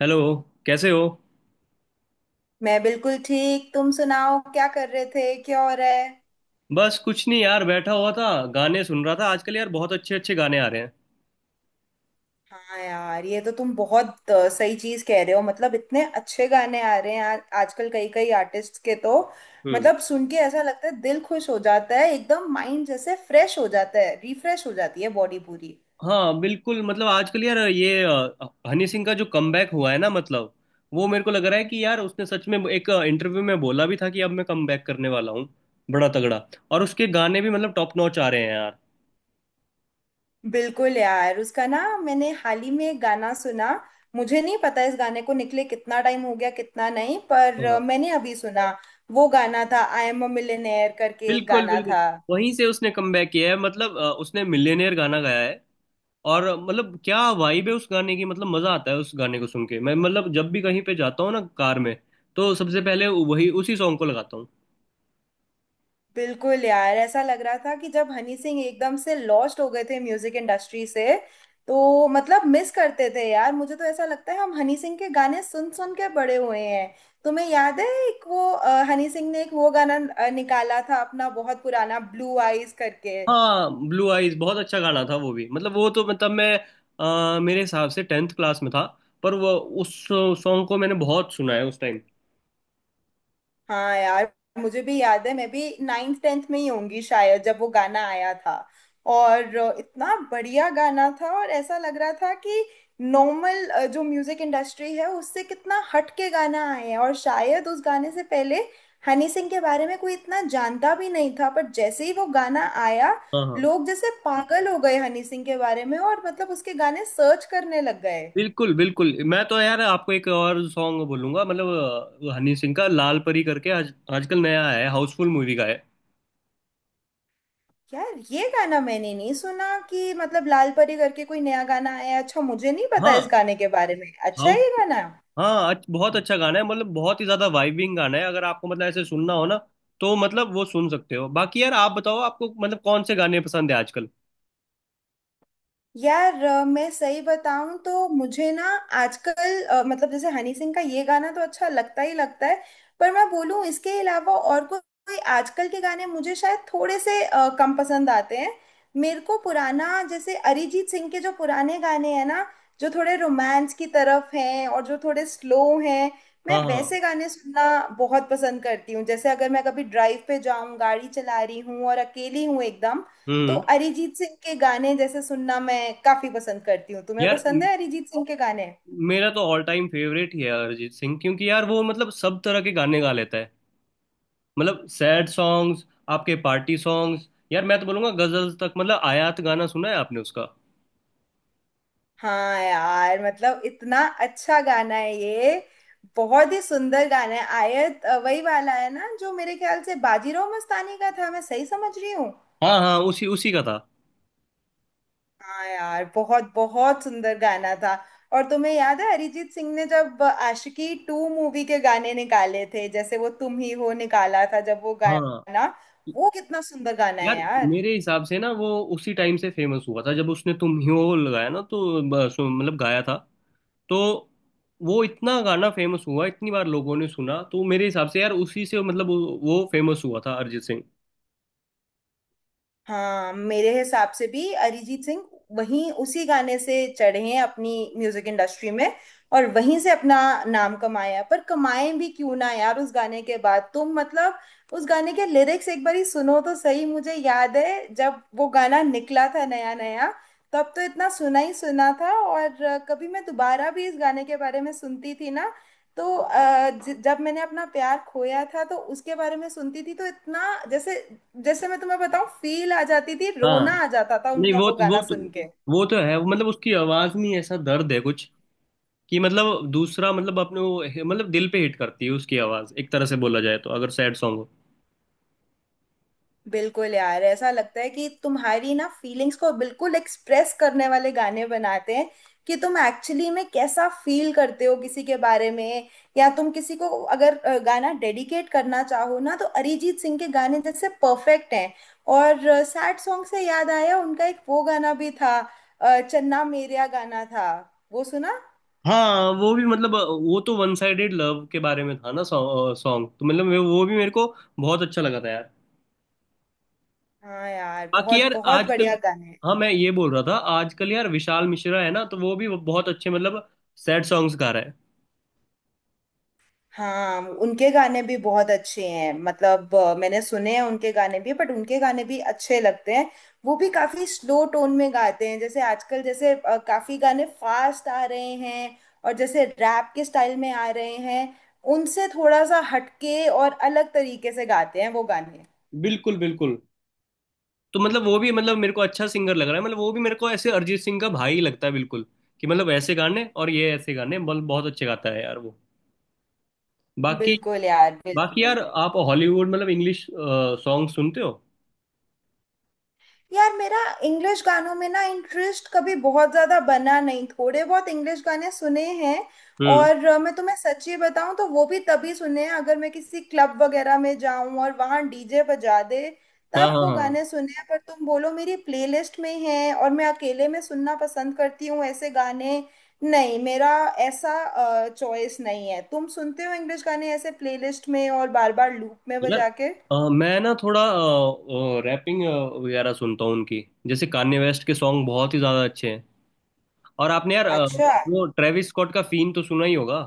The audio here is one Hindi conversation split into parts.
हेलो। कैसे हो। मैं बिल्कुल ठीक। तुम सुनाओ क्या कर रहे थे, क्या हो रहा है। बस कुछ नहीं यार, बैठा हुआ था। गाने सुन रहा था। आजकल यार बहुत अच्छे अच्छे गाने आ रहे हैं। हाँ यार, ये तो तुम बहुत सही चीज कह रहे हो। मतलब इतने अच्छे गाने आ रहे हैं यार आजकल, कई कई आर्टिस्ट के तो हम्म। मतलब सुन के ऐसा लगता है दिल खुश हो जाता है, एकदम माइंड जैसे फ्रेश हो जाता है, रिफ्रेश हो जाती है बॉडी पूरी। हाँ बिल्कुल। मतलब आजकल यार ये हनी सिंह का जो कमबैक हुआ है ना मतलब। वो मेरे को लग रहा है कि यार उसने सच में एक इंटरव्यू में बोला भी था कि अब मैं कमबैक करने वाला हूँ बड़ा तगड़ा। और उसके गाने भी मतलब टॉप नॉच आ रहे हैं यार। बिल्कुल यार, उसका ना मैंने हाल ही में एक गाना सुना। मुझे नहीं पता इस गाने को निकले कितना टाइम हो गया, कितना नहीं, पर हाँ मैंने अभी सुना। वो गाना था आई एम अ मिलियनेयर करके, एक बिल्कुल गाना बिल्कुल। था। वहीं से उसने कमबैक किया है मतलब उसने मिलियनेयर गाना गाया है। और मतलब क्या वाइब है उस गाने की। मतलब मजा आता है उस गाने को सुन के। मैं मतलब जब भी कहीं पे जाता हूँ ना कार में, तो सबसे पहले वही उसी सॉन्ग को लगाता हूँ। बिल्कुल यार, ऐसा लग रहा था कि जब हनी सिंह एकदम से लॉस्ट हो गए थे म्यूजिक इंडस्ट्री से, तो मतलब मिस करते थे यार। मुझे तो ऐसा लगता है हम हनी सिंह के गाने सुन सुन के बड़े हुए हैं। तुम्हें याद है एक वो हनी सिंह ने एक वो गाना निकाला था अपना बहुत पुराना, ब्लू आईज करके। हाँ, ब्लू आइज बहुत अच्छा गाना था वो भी। मतलब वो तो मतलब मैं मेरे हिसाब से टेंथ क्लास में था। पर वो उस सॉन्ग को मैंने बहुत सुना है उस टाइम। हाँ यार, मुझे भी याद है, मैं भी नाइन्थ टेंथ में ही होंगी शायद जब वो गाना आया था। और इतना बढ़िया गाना था और ऐसा लग रहा था कि नॉर्मल जो म्यूजिक इंडस्ट्री है उससे कितना हट के गाना आए हैं। और शायद उस गाने से पहले हनी सिंह के बारे में कोई इतना जानता भी नहीं था, पर जैसे ही वो गाना आया, हाँ हाँ। लोग जैसे पागल हो गए हनी सिंह के बारे में, और मतलब उसके गाने सर्च करने लग गए। बिल्कुल बिल्कुल। मैं तो यार आपको एक और सॉन्ग बोलूंगा मतलब हनी सिंह का लाल परी करके आज आजकल नया आया है, हाउसफुल मूवी का है। यार ये गाना मैंने नहीं सुना कि मतलब लाल परी करके कोई नया गाना आया है। अच्छा, मुझे नहीं पता हाँ इस गाने के बारे में, अच्छा है ये गाना है? हाँ। बहुत अच्छा गाना है मतलब बहुत ही ज्यादा वाइबिंग गाना है। अगर आपको मतलब ऐसे सुनना हो ना तो मतलब वो सुन सकते हो। बाकी यार आप बताओ आपको मतलब कौन से गाने पसंद है आजकल। यार मैं सही बताऊं तो मुझे ना आजकल मतलब जैसे हनी सिंह का ये गाना तो अच्छा लगता ही लगता है, पर मैं बोलूं इसके अलावा और कोई आजकल के गाने मुझे शायद थोड़े से कम पसंद आते हैं। मेरे को पुराना जैसे अरिजीत सिंह के जो पुराने गाने हैं ना, जो थोड़े रोमांस की तरफ हैं और जो थोड़े स्लो हैं, मैं हाँ हाँ। वैसे गाने सुनना बहुत पसंद करती हूँ। जैसे अगर मैं कभी ड्राइव पे जाऊं, गाड़ी चला रही हूँ और अकेली हूँ एकदम, तो हम्म। अरिजीत सिंह के गाने जैसे सुनना मैं काफी पसंद करती हूँ। तुम्हें यार पसंद है अरिजीत सिंह के गाने? मेरा तो ऑल टाइम फेवरेट ही है अरिजीत सिंह क्योंकि यार वो मतलब सब तरह के गाने गा लेता है। मतलब सैड सॉन्ग्स, आपके पार्टी सॉन्ग्स, यार मैं तो बोलूंगा गजल्स तक। मतलब आयात गाना सुना है आपने उसका। हाँ यार, मतलब इतना अच्छा गाना है ये, बहुत ही सुंदर गाना है आयत। वही वाला है ना जो मेरे ख्याल से बाजीराव मस्तानी का था, मैं सही समझ रही हूँ? हाँ हाँ, उसी उसी का था। हाँ यार, बहुत बहुत सुंदर गाना था। और तुम्हें याद है अरिजीत सिंह ने जब आशिकी टू मूवी के गाने निकाले थे, जैसे वो तुम ही हो निकाला था जब वो हाँ गाना, वो कितना सुंदर गाना है यार, यार। मेरे हिसाब से ना वो उसी टाइम से फेमस हुआ था जब उसने तुम ही हो लगाया ना तो मतलब गाया था। तो वो इतना गाना फेमस हुआ, इतनी बार लोगों ने सुना, तो मेरे हिसाब से यार उसी से मतलब वो फेमस हुआ था अरिजीत सिंह। हाँ, मेरे हिसाब से भी अरिजीत सिंह वहीं उसी गाने से चढ़े हैं अपनी म्यूजिक इंडस्ट्री में और वहीं से अपना नाम कमाया है। पर कमाए भी क्यों ना यार, उस गाने के बाद तुम मतलब उस गाने के लिरिक्स एक बारी सुनो तो सही। मुझे याद है जब वो गाना निकला था नया नया, तब तो इतना सुना ही सुना था। और कभी मैं दोबारा भी इस गाने के बारे में सुनती थी ना, तो जब मैंने अपना प्यार खोया था तो उसके बारे में सुनती थी, तो इतना जैसे, जैसे मैं तुम्हें बताऊं, फील आ जाती थी, हाँ। रोना आ जाता था नहीं, उनका वो वो वो गाना तो सुन के। वो तो है मतलब उसकी आवाज में ऐसा दर्द है कुछ कि मतलब दूसरा मतलब अपने वो मतलब दिल पे हिट करती है उसकी आवाज, एक तरह से बोला जाए तो, अगर सैड सॉन्ग हो। बिल्कुल यार, ऐसा लगता है कि तुम्हारी ना फीलिंग्स को बिल्कुल एक्सप्रेस करने वाले गाने बनाते हैं, कि तुम एक्चुअली में कैसा फील करते हो किसी के बारे में, या तुम किसी को अगर गाना डेडिकेट करना चाहो ना, तो अरिजीत सिंह के गाने जैसे परफेक्ट हैं। और सैड सॉन्ग से याद आया, उनका एक वो गाना भी था, चन्ना मेरेया गाना था, वो सुना? हाँ, वो भी मतलब वो तो वन साइडेड लव के बारे में था ना सॉन्ग, तो मतलब वो भी मेरे को बहुत अच्छा लगा था यार। हाँ यार, बाकी बहुत यार बहुत आजकल। बढ़िया गाने हैं। हाँ, मैं ये बोल रहा था, आजकल यार विशाल मिश्रा है ना, तो वो भी बहुत अच्छे मतलब सैड सॉन्ग्स गा रहा है। हाँ, उनके गाने भी बहुत अच्छे हैं, मतलब मैंने सुने हैं उनके गाने भी, बट उनके गाने भी अच्छे लगते हैं। वो भी काफी स्लो टोन में गाते हैं। जैसे आजकल जैसे काफी गाने फास्ट आ रहे हैं और जैसे रैप के स्टाइल में आ रहे हैं, उनसे थोड़ा सा हटके और अलग तरीके से गाते हैं वो गाने। बिल्कुल बिल्कुल। तो मतलब वो भी मतलब मेरे को अच्छा सिंगर लग रहा है। मतलब वो भी मेरे को ऐसे अरिजीत सिंह का भाई लगता है बिल्कुल कि मतलब ऐसे गाने और ये ऐसे गाने मतलब बहुत अच्छे गाता है यार वो। बाकी। बिल्कुल यार, बाकी बिल्कुल। यार आप हॉलीवुड मतलब इंग्लिश सॉन्ग सुनते हो। यार मेरा इंग्लिश गानों में ना इंटरेस्ट कभी बहुत ज्यादा बना नहीं, थोड़े बहुत इंग्लिश गाने सुने हैं। हम्म। और मैं तुम्हें सच्ची बताऊं तो वो भी तभी सुने हैं अगर मैं किसी क्लब वगैरह में जाऊं और वहां डीजे बजा दे, हाँ तब हाँ वो हाँ। गाने सुने हैं। पर तुम बोलो मेरी प्लेलिस्ट में है और मैं अकेले में सुनना पसंद करती हूँ ऐसे गाने, नहीं, मेरा ऐसा चॉइस नहीं है। तुम सुनते हो इंग्लिश गाने ऐसे प्लेलिस्ट में और बार बार लूप में यार बजा के? मैं ना थोड़ा रैपिंग वगैरह सुनता हूँ उनकी। जैसे कान्ये वेस्ट के सॉन्ग बहुत ही ज्यादा अच्छे हैं। और आपने यार अच्छा। वो ट्रेविस स्कॉट का फीन तो सुना ही होगा।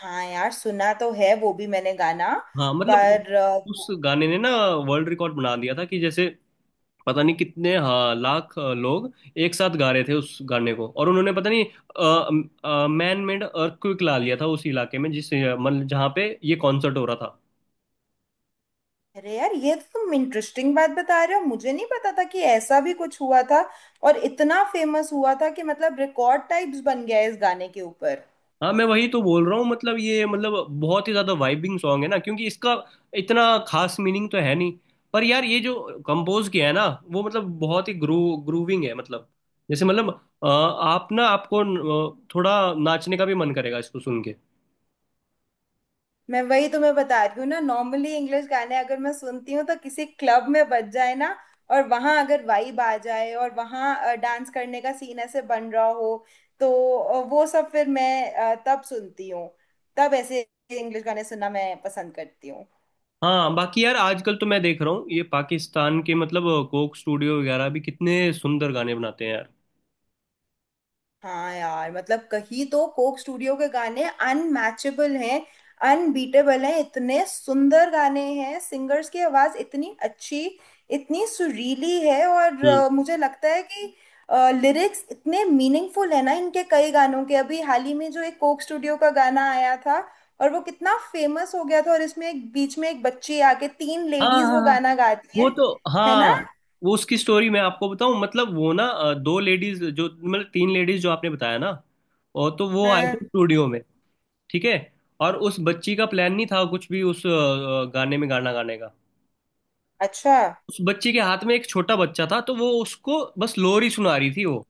हाँ यार, सुना तो है वो भी मैंने गाना। हाँ मतलब पर उस गाने ने ना वर्ल्ड रिकॉर्ड बना दिया था कि जैसे पता नहीं कितने, हाँ, लाख लोग एक साथ गा रहे थे उस गाने को। और उन्होंने पता नहीं मैन मेड अर्थक्वेक ला लिया था उस इलाके में, जिस मतलब जहाँ पे ये कॉन्सर्ट हो रहा था। अरे यार, ये तो तुम इंटरेस्टिंग बात बता रहे हो, मुझे नहीं पता था कि ऐसा भी कुछ हुआ था और इतना फेमस हुआ था कि मतलब रिकॉर्ड टाइप्स बन गया है इस गाने के ऊपर। हाँ, मैं वही तो बोल रहा हूँ। मतलब ये मतलब बहुत ही ज्यादा वाइबिंग सॉन्ग है ना क्योंकि इसका इतना खास मीनिंग तो है नहीं। पर यार ये जो कंपोज किया है ना, वो मतलब बहुत ही ग्रूविंग है मतलब जैसे मतलब आप ना आपको थोड़ा नाचने का भी मन करेगा इसको सुन के। मैं वही तुम्हें बता रही हूँ ना, नॉर्मली इंग्लिश गाने अगर मैं सुनती हूँ तो किसी क्लब में बज जाए ना, और वहां अगर वाइब आ जाए और वहां डांस करने का सीन ऐसे बन रहा हो, तो वो सब फिर मैं तब सुनती हूँ। तब ऐसे इंग्लिश गाने सुनना मैं पसंद करती हूँ। हाँ। बाकी यार आजकल तो मैं देख रहा हूँ ये पाकिस्तान के मतलब कोक स्टूडियो वगैरह भी कितने सुंदर गाने बनाते हैं यार। हाँ यार, मतलब कहीं तो कोक स्टूडियो के गाने अनमैचेबल हैं, अनबीटेबल हैं। इतने सुंदर गाने हैं, सिंगर्स की आवाज इतनी अच्छी, इतनी सुरीली है। और हम्म। मुझे लगता है कि लिरिक्स इतने मीनिंगफुल है ना इनके कई गानों के। अभी हाल ही में जो एक कोक स्टूडियो का गाना आया था, और वो कितना फेमस हो गया था, और इसमें एक बीच में एक बच्ची आके तीन हाँ लेडीज वो हाँ। गाना गाती वो हैं, तो। है हाँ, ना? वो उसकी स्टोरी मैं आपको बताऊं। मतलब वो ना दो लेडीज जो मतलब तीन लेडीज जो आपने बताया ना, और तो वो आए हाँ। थे स्टूडियो में। ठीक है। और उस बच्ची का प्लान नहीं था कुछ भी उस गाने में गाना गाने का। अच्छा, उस बच्ची के हाथ में एक छोटा बच्चा था, तो वो उसको बस लोरी सुना रही थी, वो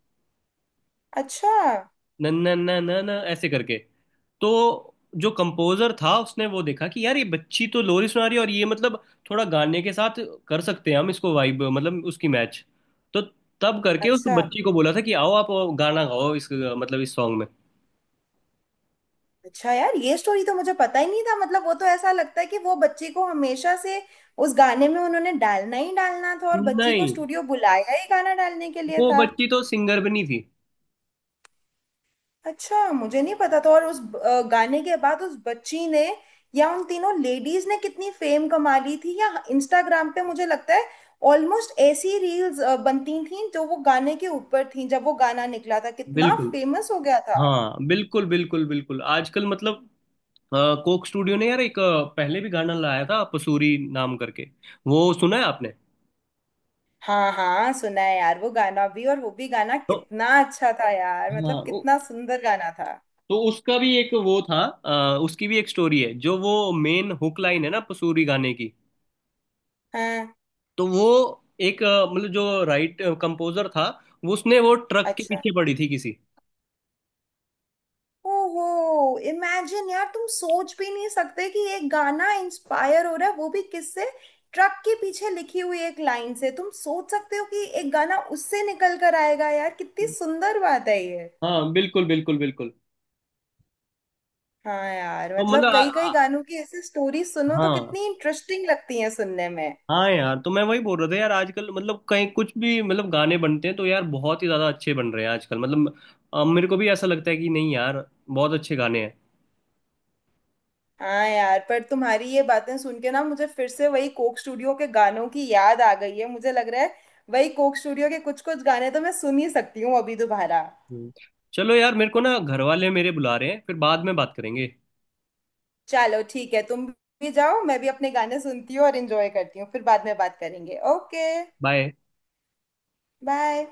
अच्छा, नन्ना नन्ना न ऐसे करके। तो जो कंपोजर था उसने वो देखा कि यार ये बच्ची तो लोरी सुना रही है और ये मतलब थोड़ा गाने के साथ कर सकते हैं हम इसको, वाइब मतलब उसकी मैच। तो तब करके उस अच्छा। बच्ची को बोला था कि आओ आप गाना गाओ इस मतलब इस सॉन्ग में। अच्छा यार, ये स्टोरी तो मुझे पता ही नहीं था। मतलब वो तो ऐसा लगता है कि वो बच्ची को हमेशा से उस गाने में उन्होंने डालना ही डालना था, और बच्ची नहीं, को स्टूडियो बुलाया ही गाना डालने के लिए वो था। बच्ची तो सिंगर भी नहीं थी। अच्छा, मुझे नहीं पता था। और उस गाने के बाद उस बच्ची ने या उन तीनों लेडीज ने कितनी फेम कमा ली थी। या इंस्टाग्राम पे मुझे लगता है ऑलमोस्ट ऐसी रील्स बनती थी जो वो गाने के ऊपर थी, जब वो गाना निकला था कितना बिल्कुल। फेमस हो गया था। हाँ बिल्कुल बिल्कुल बिल्कुल। आजकल मतलब अ, कोक स्टूडियो ने यार एक पहले भी गाना लाया था पसूरी नाम करके। वो सुना है आपने। हाँ हाँ, सुना है यार वो गाना भी, और वो भी गाना तो कितना अच्छा था यार, मतलब हाँ। कितना सुंदर गाना था। तो उसका भी एक वो था। उसकी भी एक स्टोरी है। जो वो मेन हुक लाइन है ना पसूरी गाने की, हाँ। तो वो एक मतलब जो राइट कंपोजर था, वो उसने वो ट्रक के अच्छा, पीछे पड़ी थी किसी। ओहो, इमेजिन यार, तुम सोच भी नहीं सकते कि एक गाना इंस्पायर हो रहा है, वो भी किससे, ट्रक के पीछे लिखी हुई एक लाइन से। तुम सोच सकते हो कि एक गाना उससे निकल कर आएगा? यार कितनी सुंदर बात है ये। हाँ बिल्कुल बिल्कुल बिल्कुल। हाँ यार, तो मतलब मतलब कई कई आ- गानों की ऐसी स्टोरी सुनो तो हाँ कितनी इंटरेस्टिंग लगती है सुनने में। हाँ यार, तो मैं वही बोल रहा था यार आजकल मतलब कहीं कुछ भी मतलब गाने बनते हैं तो यार बहुत ही ज्यादा अच्छे बन रहे हैं आजकल। मतलब मेरे को भी ऐसा लगता है कि नहीं यार बहुत अच्छे गाने हैं। हाँ यार, पर तुम्हारी ये बातें सुन के ना मुझे फिर से वही कोक स्टूडियो के गानों की याद आ गई है। मुझे लग रहा है वही कोक स्टूडियो के कुछ कुछ गाने तो मैं सुन ही सकती हूँ अभी दोबारा। हम्म। चलो यार, मेरे को ना घर वाले मेरे बुला रहे हैं, फिर बाद में बात करेंगे। चलो ठीक है, तुम भी जाओ, मैं भी अपने गाने सुनती हूँ और इंजॉय करती हूँ, फिर बाद में बात करेंगे। Okay, bye. बाय।